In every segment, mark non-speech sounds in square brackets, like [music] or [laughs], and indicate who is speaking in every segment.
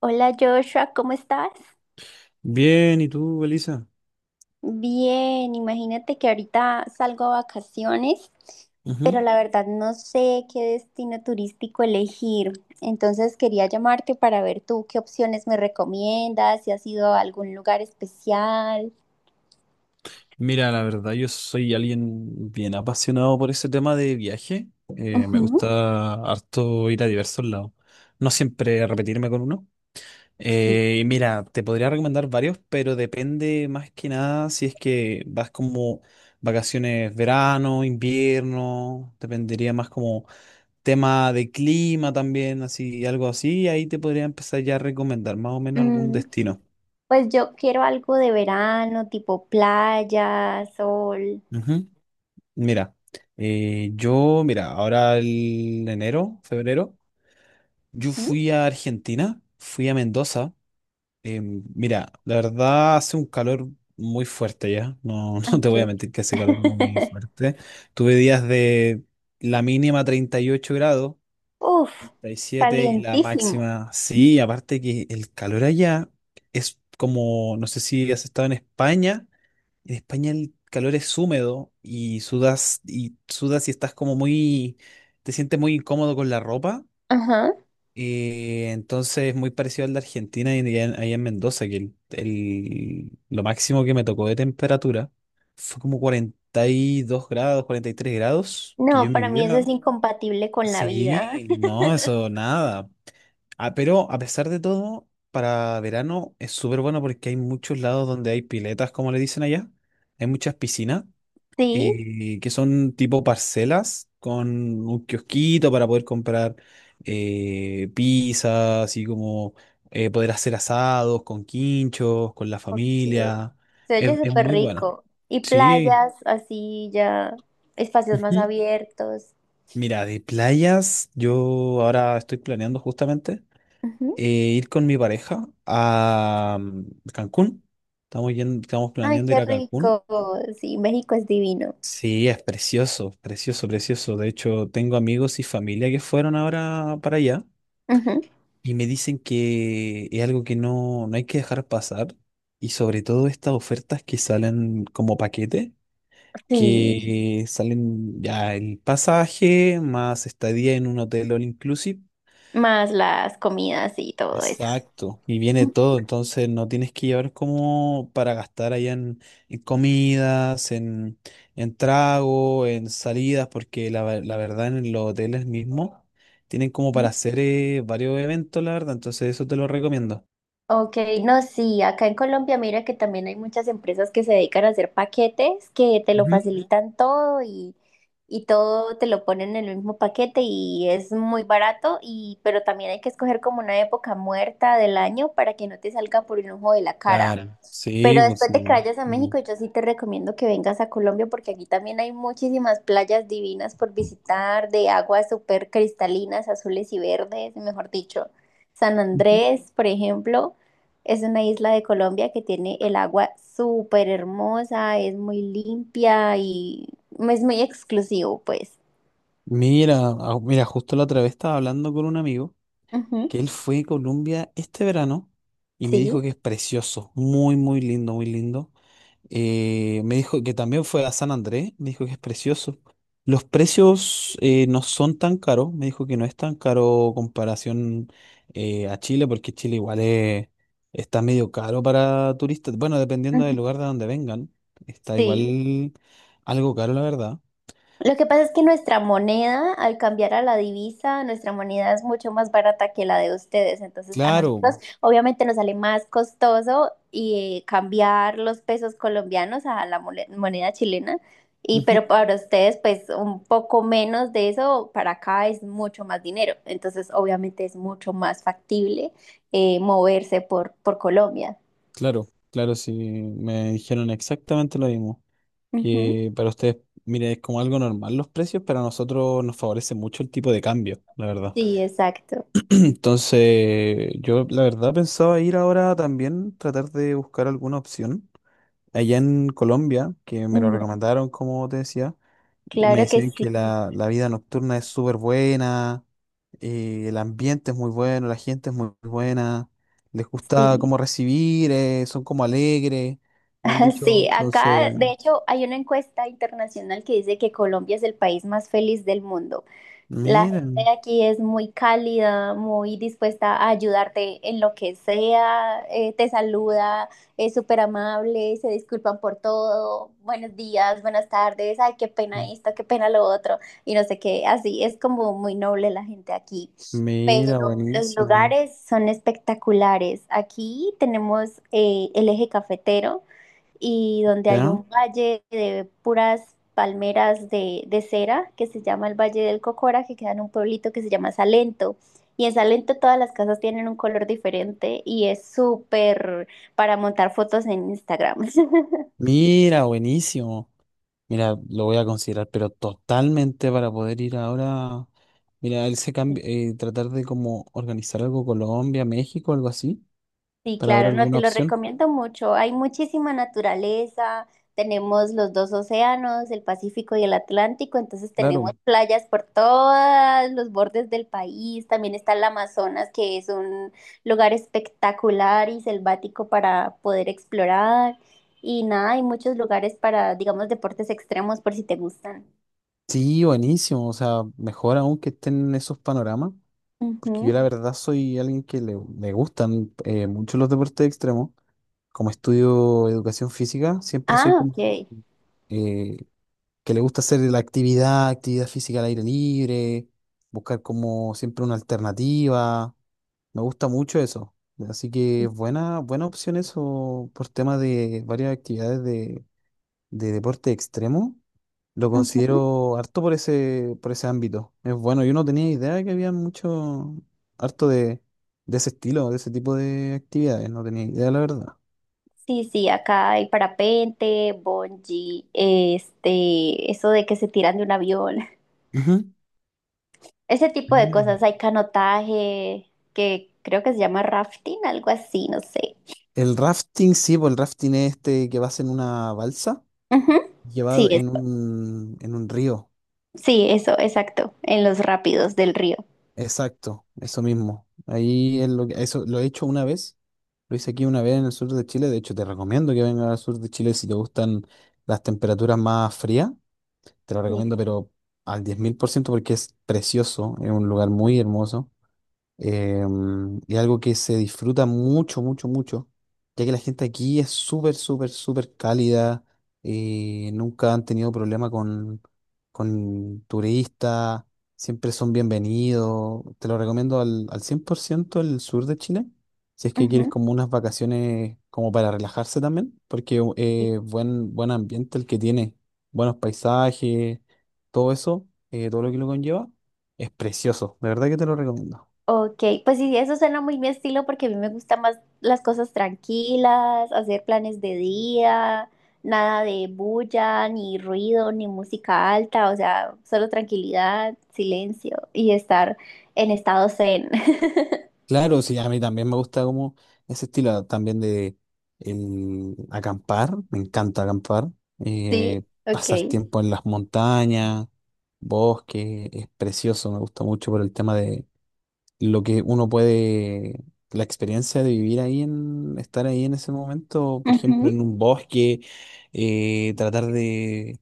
Speaker 1: Hola Joshua, ¿cómo estás?
Speaker 2: Bien, ¿y tú, Elisa?
Speaker 1: Bien, imagínate que ahorita salgo a vacaciones, pero
Speaker 2: Ujú.
Speaker 1: la verdad no sé qué destino turístico elegir. Entonces quería llamarte para ver tú qué opciones me recomiendas, si has ido a algún lugar especial.
Speaker 2: Mira, la verdad, yo soy alguien bien apasionado por ese tema de viaje. Me
Speaker 1: Ujú.
Speaker 2: gusta harto ir a diversos lados. No siempre repetirme con uno.
Speaker 1: Sí.
Speaker 2: Y mira, te podría recomendar varios, pero depende más que nada si es que vas como vacaciones verano, invierno, dependería más como tema de clima también, así, algo así. Ahí te podría empezar ya a recomendar más o menos algún
Speaker 1: Mm,
Speaker 2: destino.
Speaker 1: pues yo quiero algo de verano, tipo playa, sol.
Speaker 2: Ujú. Mira, mira, ahora el enero, febrero, yo
Speaker 1: Ujú.
Speaker 2: fui a Argentina, fui a Mendoza. Mira, la verdad hace un calor muy fuerte ya, no, [laughs] no te voy a
Speaker 1: Ok.
Speaker 2: mentir que hace calor muy
Speaker 1: [laughs]
Speaker 2: fuerte. Tuve días de la mínima 38 grados,
Speaker 1: Uf,
Speaker 2: 37 y la
Speaker 1: calientísimo.
Speaker 2: máxima, sí, aparte que el calor allá es como, no sé si has estado en España. En España el calor es húmedo y sudas y sudas y estás como muy, te sientes muy incómodo con la ropa.
Speaker 1: Ajá.
Speaker 2: Entonces es muy parecido al de Argentina y allá en Mendoza, que lo máximo que me tocó de temperatura fue como 42 grados, 43 grados, que yo
Speaker 1: No,
Speaker 2: en mi
Speaker 1: para mí eso es
Speaker 2: vida...
Speaker 1: incompatible con la vida.
Speaker 2: Sí,
Speaker 1: [laughs]
Speaker 2: no, eso nada. Ah, pero a pesar de todo, para verano es súper bueno porque hay muchos lados donde hay piletas, como le dicen allá. Hay muchas piscinas
Speaker 1: Sí.
Speaker 2: que son tipo parcelas con un kiosquito para poder comprar pizza, así como poder hacer asados con quinchos, con la
Speaker 1: Ok.
Speaker 2: familia.
Speaker 1: Se
Speaker 2: Es,
Speaker 1: oye
Speaker 2: es
Speaker 1: súper
Speaker 2: muy bueno.
Speaker 1: rico. Y
Speaker 2: Sí.
Speaker 1: playas, así ya, espacios más
Speaker 2: Ujú.
Speaker 1: abiertos.
Speaker 2: Mira, de playas, yo ahora estoy planeando justamente
Speaker 1: Ujú.
Speaker 2: eh, ir con mi pareja a Cancún. Estamos
Speaker 1: Ay,
Speaker 2: planeando
Speaker 1: qué
Speaker 2: ir a Cancún.
Speaker 1: rico. Sí, México es divino.
Speaker 2: Sí, es precioso, precioso, precioso. De hecho, tengo amigos y familia que fueron ahora para allá
Speaker 1: Ujú.
Speaker 2: y me dicen que es algo que no hay que dejar pasar y sobre todo estas ofertas que salen como paquete,
Speaker 1: Sí,
Speaker 2: que salen ya el pasaje más estadía en un hotel all inclusive.
Speaker 1: más las comidas y todo eso.
Speaker 2: Exacto, y viene
Speaker 1: Ujú.
Speaker 2: todo, entonces no tienes que llevar como para gastar allá en, comidas, en trago, en salidas, porque la verdad en los hoteles mismos tienen como para hacer varios eventos, la verdad, entonces eso te lo recomiendo.
Speaker 1: Ok, no, sí, acá en Colombia mira que también hay muchas empresas que se dedican a hacer paquetes que te lo
Speaker 2: Ujú.
Speaker 1: facilitan todo y todo te lo ponen en el mismo paquete y es muy barato y pero también hay que escoger como una época muerta del año para que no te salga por un ojo de la cara.
Speaker 2: Claro, sí,
Speaker 1: Pero
Speaker 2: pues
Speaker 1: después
Speaker 2: sí.
Speaker 1: de que vayas a
Speaker 2: Mm.
Speaker 1: México, yo sí te recomiendo que vengas a Colombia porque aquí también hay muchísimas playas divinas por visitar, de aguas súper cristalinas, azules y verdes, mejor dicho. San
Speaker 2: Ujú.
Speaker 1: Andrés, por ejemplo, es una isla de Colombia que tiene el agua súper hermosa, es muy limpia y es muy exclusivo, pues.
Speaker 2: Mira, justo la otra vez estaba hablando con un amigo
Speaker 1: Ujú.
Speaker 2: que él fue a Colombia este verano y me dijo
Speaker 1: Sí,
Speaker 2: que es precioso, muy, muy lindo, muy lindo. Me dijo que también fue a San Andrés, me dijo que es precioso. Los precios no son tan caros, me dijo que no es tan caro comparación a Chile, porque Chile igual está medio caro para turistas. Bueno, dependiendo del
Speaker 1: ujú,
Speaker 2: lugar de donde vengan, está
Speaker 1: sí.
Speaker 2: igual algo caro, la verdad.
Speaker 1: Lo que pasa es que nuestra moneda, al cambiar a la divisa, nuestra moneda es mucho más barata que la de ustedes. Entonces, a
Speaker 2: Claro,
Speaker 1: nosotros obviamente nos sale más costoso y cambiar los pesos colombianos a la moneda chilena. Y
Speaker 2: ujú,
Speaker 1: pero para ustedes, pues un poco menos de eso, para acá es mucho más dinero. Entonces, obviamente es mucho más factible moverse por Colombia.
Speaker 2: claro, claro, sí, me dijeron exactamente lo mismo,
Speaker 1: Ujú.
Speaker 2: que para ustedes, mire, es como algo normal los precios, pero a nosotros nos favorece mucho el tipo de cambio, la verdad.
Speaker 1: Sí, exacto.
Speaker 2: Entonces, yo la verdad pensaba ir ahora también, tratar de buscar alguna opción allá en Colombia, que me lo
Speaker 1: Mm,
Speaker 2: recomendaron, como te decía, y me
Speaker 1: claro que
Speaker 2: decían
Speaker 1: sí.
Speaker 2: que la vida nocturna es súper buena, el ambiente es muy bueno, la gente es muy buena, les gusta
Speaker 1: Sí.
Speaker 2: cómo recibir, son como alegres, me han
Speaker 1: [laughs]
Speaker 2: dicho.
Speaker 1: Sí, acá
Speaker 2: Entonces,
Speaker 1: de hecho hay una encuesta internacional que dice que Colombia es el país más feliz del mundo. La
Speaker 2: mira
Speaker 1: gente de aquí es muy cálida, muy dispuesta a ayudarte en lo que sea, te saluda, es súper amable, se disculpan por todo, buenos días, buenas tardes, ay, qué pena esto, qué pena lo otro, y no sé qué, así es como muy noble la gente aquí. Pero los
Speaker 2: buenísimo,
Speaker 1: lugares son espectaculares. Aquí tenemos el eje cafetero y donde hay
Speaker 2: ¿ya?
Speaker 1: un valle de puras palmeras de cera que se llama el Valle del Cocora, que queda en un pueblito que se llama Salento. Y en Salento todas las casas tienen un color diferente y es súper para montar fotos en Instagram. [laughs]
Speaker 2: Mira, buenísimo. Mira, lo voy a considerar, pero totalmente para poder ir ahora. Mira, él se cambia, tratar de como organizar algo Colombia, México, algo así,
Speaker 1: Sí,
Speaker 2: para ver
Speaker 1: claro, no te
Speaker 2: alguna
Speaker 1: lo
Speaker 2: opción.
Speaker 1: recomiendo mucho. Hay muchísima naturaleza, tenemos los dos océanos, el Pacífico y el Atlántico, entonces tenemos
Speaker 2: Claro.
Speaker 1: playas por todos los bordes del país. También está el Amazonas, que es un lugar espectacular y selvático para poder explorar. Y nada, hay muchos lugares para, digamos, deportes extremos por si te gustan.
Speaker 2: Sí, buenísimo. O sea, mejor aún que estén esos panoramas, porque yo
Speaker 1: Ujú.
Speaker 2: la verdad soy alguien que le gustan mucho los deportes extremos. Como estudio educación física, siempre soy
Speaker 1: Ah,
Speaker 2: como
Speaker 1: ok.
Speaker 2: eh, que le gusta hacer la actividad física al aire libre, buscar como siempre una alternativa. Me gusta mucho eso. Así que
Speaker 1: Sí.
Speaker 2: buena, buena opción eso por tema de varias actividades de deporte extremo. Lo
Speaker 1: Ujú.
Speaker 2: considero harto por ese ámbito. Es bueno, yo no tenía idea de que había mucho, harto de, ese estilo, de ese tipo de actividades. No tenía idea, la verdad.
Speaker 1: Sí, sí, acá hay parapente, bungee, este, eso de que se tiran de un avión, [laughs]
Speaker 2: Ujú.
Speaker 1: ese tipo de
Speaker 2: Mira.
Speaker 1: cosas. Hay canotaje, que creo que se llama rafting, algo así, no sé.
Speaker 2: El rafting, sí, pues el rafting es este que vas en una balsa
Speaker 1: Ujú. Sí,
Speaker 2: llevado en
Speaker 1: eso,
Speaker 2: un, en un río.
Speaker 1: sí, eso, exacto, en los rápidos del río.
Speaker 2: Exacto, eso mismo. Ahí es lo que, eso lo he hecho una vez. Lo hice aquí una vez en el sur de Chile. De hecho, te recomiendo que vengas al sur de Chile si te gustan las temperaturas más frías. Te lo recomiendo,
Speaker 1: Sí.
Speaker 2: pero al 10.000% porque es precioso. Es un lugar muy hermoso. Y algo que se disfruta mucho, mucho, mucho, ya que la gente aquí es súper, súper, súper cálida, nunca han tenido problema con, turistas, siempre son bienvenidos. Te lo recomiendo al 100% el sur de Chile, si es que quieres
Speaker 1: Ujú.
Speaker 2: como unas vacaciones como para relajarse también, porque buen ambiente el que tiene, buenos paisajes, todo eso, todo lo que lo conlleva, es precioso, de verdad que te lo recomiendo.
Speaker 1: Ok, pues sí, eso suena muy mi estilo porque a mí me gustan más las cosas tranquilas, hacer planes de día, nada de bulla, ni ruido, ni música alta, o sea, solo tranquilidad, silencio y estar en estado zen. [laughs]
Speaker 2: Claro, sí, a mí también me gusta como ese estilo también de el acampar, me encanta acampar,
Speaker 1: Sí.
Speaker 2: eh,
Speaker 1: Ok.
Speaker 2: pasar tiempo en las montañas, bosque, es precioso, me gusta mucho por el tema de lo que uno puede, la experiencia de vivir ahí en, estar ahí en ese momento, por ejemplo, en un bosque, tratar de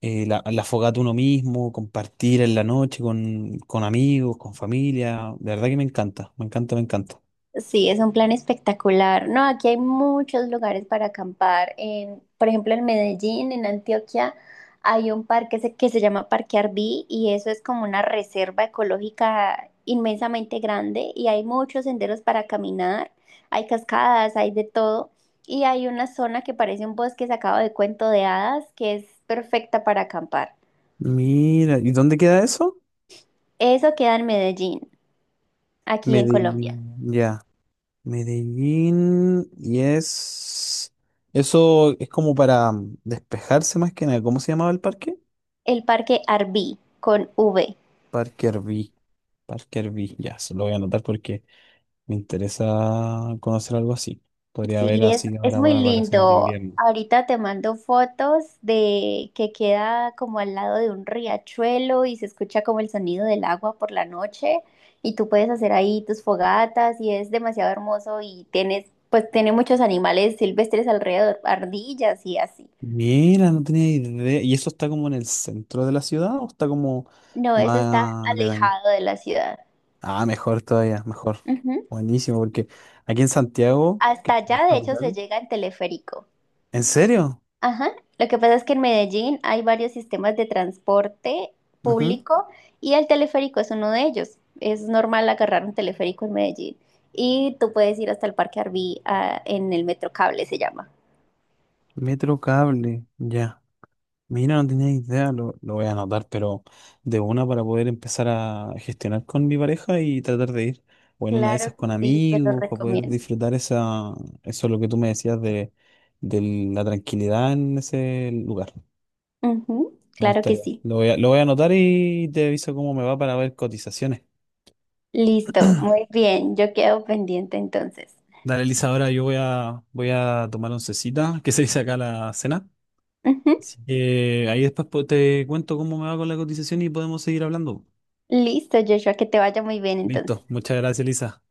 Speaker 2: la fogata uno mismo, compartir en la noche con, amigos, con familia, de verdad que me encanta, me encanta, me encanta.
Speaker 1: Sí, es un plan espectacular. No, aquí hay muchos lugares para acampar. En, por ejemplo, en Medellín, en Antioquia, hay un parque que se llama Parque Arví y eso es como una reserva ecológica inmensamente grande y hay muchos senderos para caminar, hay cascadas, hay de todo y hay una zona que parece un bosque sacado de cuento de hadas que es perfecta para acampar.
Speaker 2: Mira, ¿y dónde queda eso?
Speaker 1: Eso queda en Medellín, aquí en Colombia.
Speaker 2: Medellín, ya. Medellín, y es... Eso es como para despejarse más que nada. ¿Cómo se llamaba el parque?
Speaker 1: El Parque Arví con V.
Speaker 2: Parque Herbí. Parque Herbí, ya, se lo voy a anotar porque me interesa conocer algo así. Podría
Speaker 1: Sí,
Speaker 2: haber
Speaker 1: es,
Speaker 2: así
Speaker 1: es
Speaker 2: ahora
Speaker 1: muy
Speaker 2: para las vacaciones de
Speaker 1: lindo.
Speaker 2: invierno.
Speaker 1: Ahorita te mando fotos de que queda como al lado de un riachuelo y se escucha como el sonido del agua por la noche y tú puedes hacer ahí tus fogatas y es demasiado hermoso y tienes, pues tiene muchos animales silvestres alrededor, ardillas y así.
Speaker 2: Mira, no tenía idea. ¿Y eso está como en el centro de la ciudad o está como
Speaker 1: No, eso está
Speaker 2: más aledaño?
Speaker 1: alejado de la ciudad.
Speaker 2: Ah, mejor todavía, mejor.
Speaker 1: Ujú.
Speaker 2: Buenísimo, porque aquí en Santiago,
Speaker 1: Hasta
Speaker 2: que es
Speaker 1: allá, de hecho, se
Speaker 2: capital.
Speaker 1: llega en teleférico.
Speaker 2: ¿En serio?
Speaker 1: Ajá, lo que pasa es que en Medellín hay varios sistemas de transporte
Speaker 2: Ujú.
Speaker 1: público y el teleférico es uno de ellos. Es normal agarrar un teleférico en Medellín y tú puedes ir hasta el Parque Arví en el Metrocable, se llama.
Speaker 2: Metro cable, ya. Mira, no tenía idea, lo, voy a anotar, pero de una para poder empezar a gestionar con mi pareja y tratar de ir, o en una de esas
Speaker 1: Claro que
Speaker 2: con
Speaker 1: sí, te lo
Speaker 2: amigos, para poder
Speaker 1: recomiendo.
Speaker 2: disfrutar esa, eso lo que tú me decías de, la tranquilidad en ese lugar.
Speaker 1: Ujú,
Speaker 2: Me
Speaker 1: claro que
Speaker 2: gustaría.
Speaker 1: sí.
Speaker 2: lo voy a anotar y te aviso cómo me va para ver cotizaciones.
Speaker 1: Listo, muy bien, yo quedo pendiente entonces.
Speaker 2: Dale, Elisa, ahora yo voy a tomar oncecita, que se dice acá la cena.
Speaker 1: Ujú.
Speaker 2: Así que ahí después te cuento cómo me va con la cotización y podemos seguir hablando.
Speaker 1: Listo, Joshua, que te vaya muy bien entonces.
Speaker 2: Listo, muchas gracias, Elisa.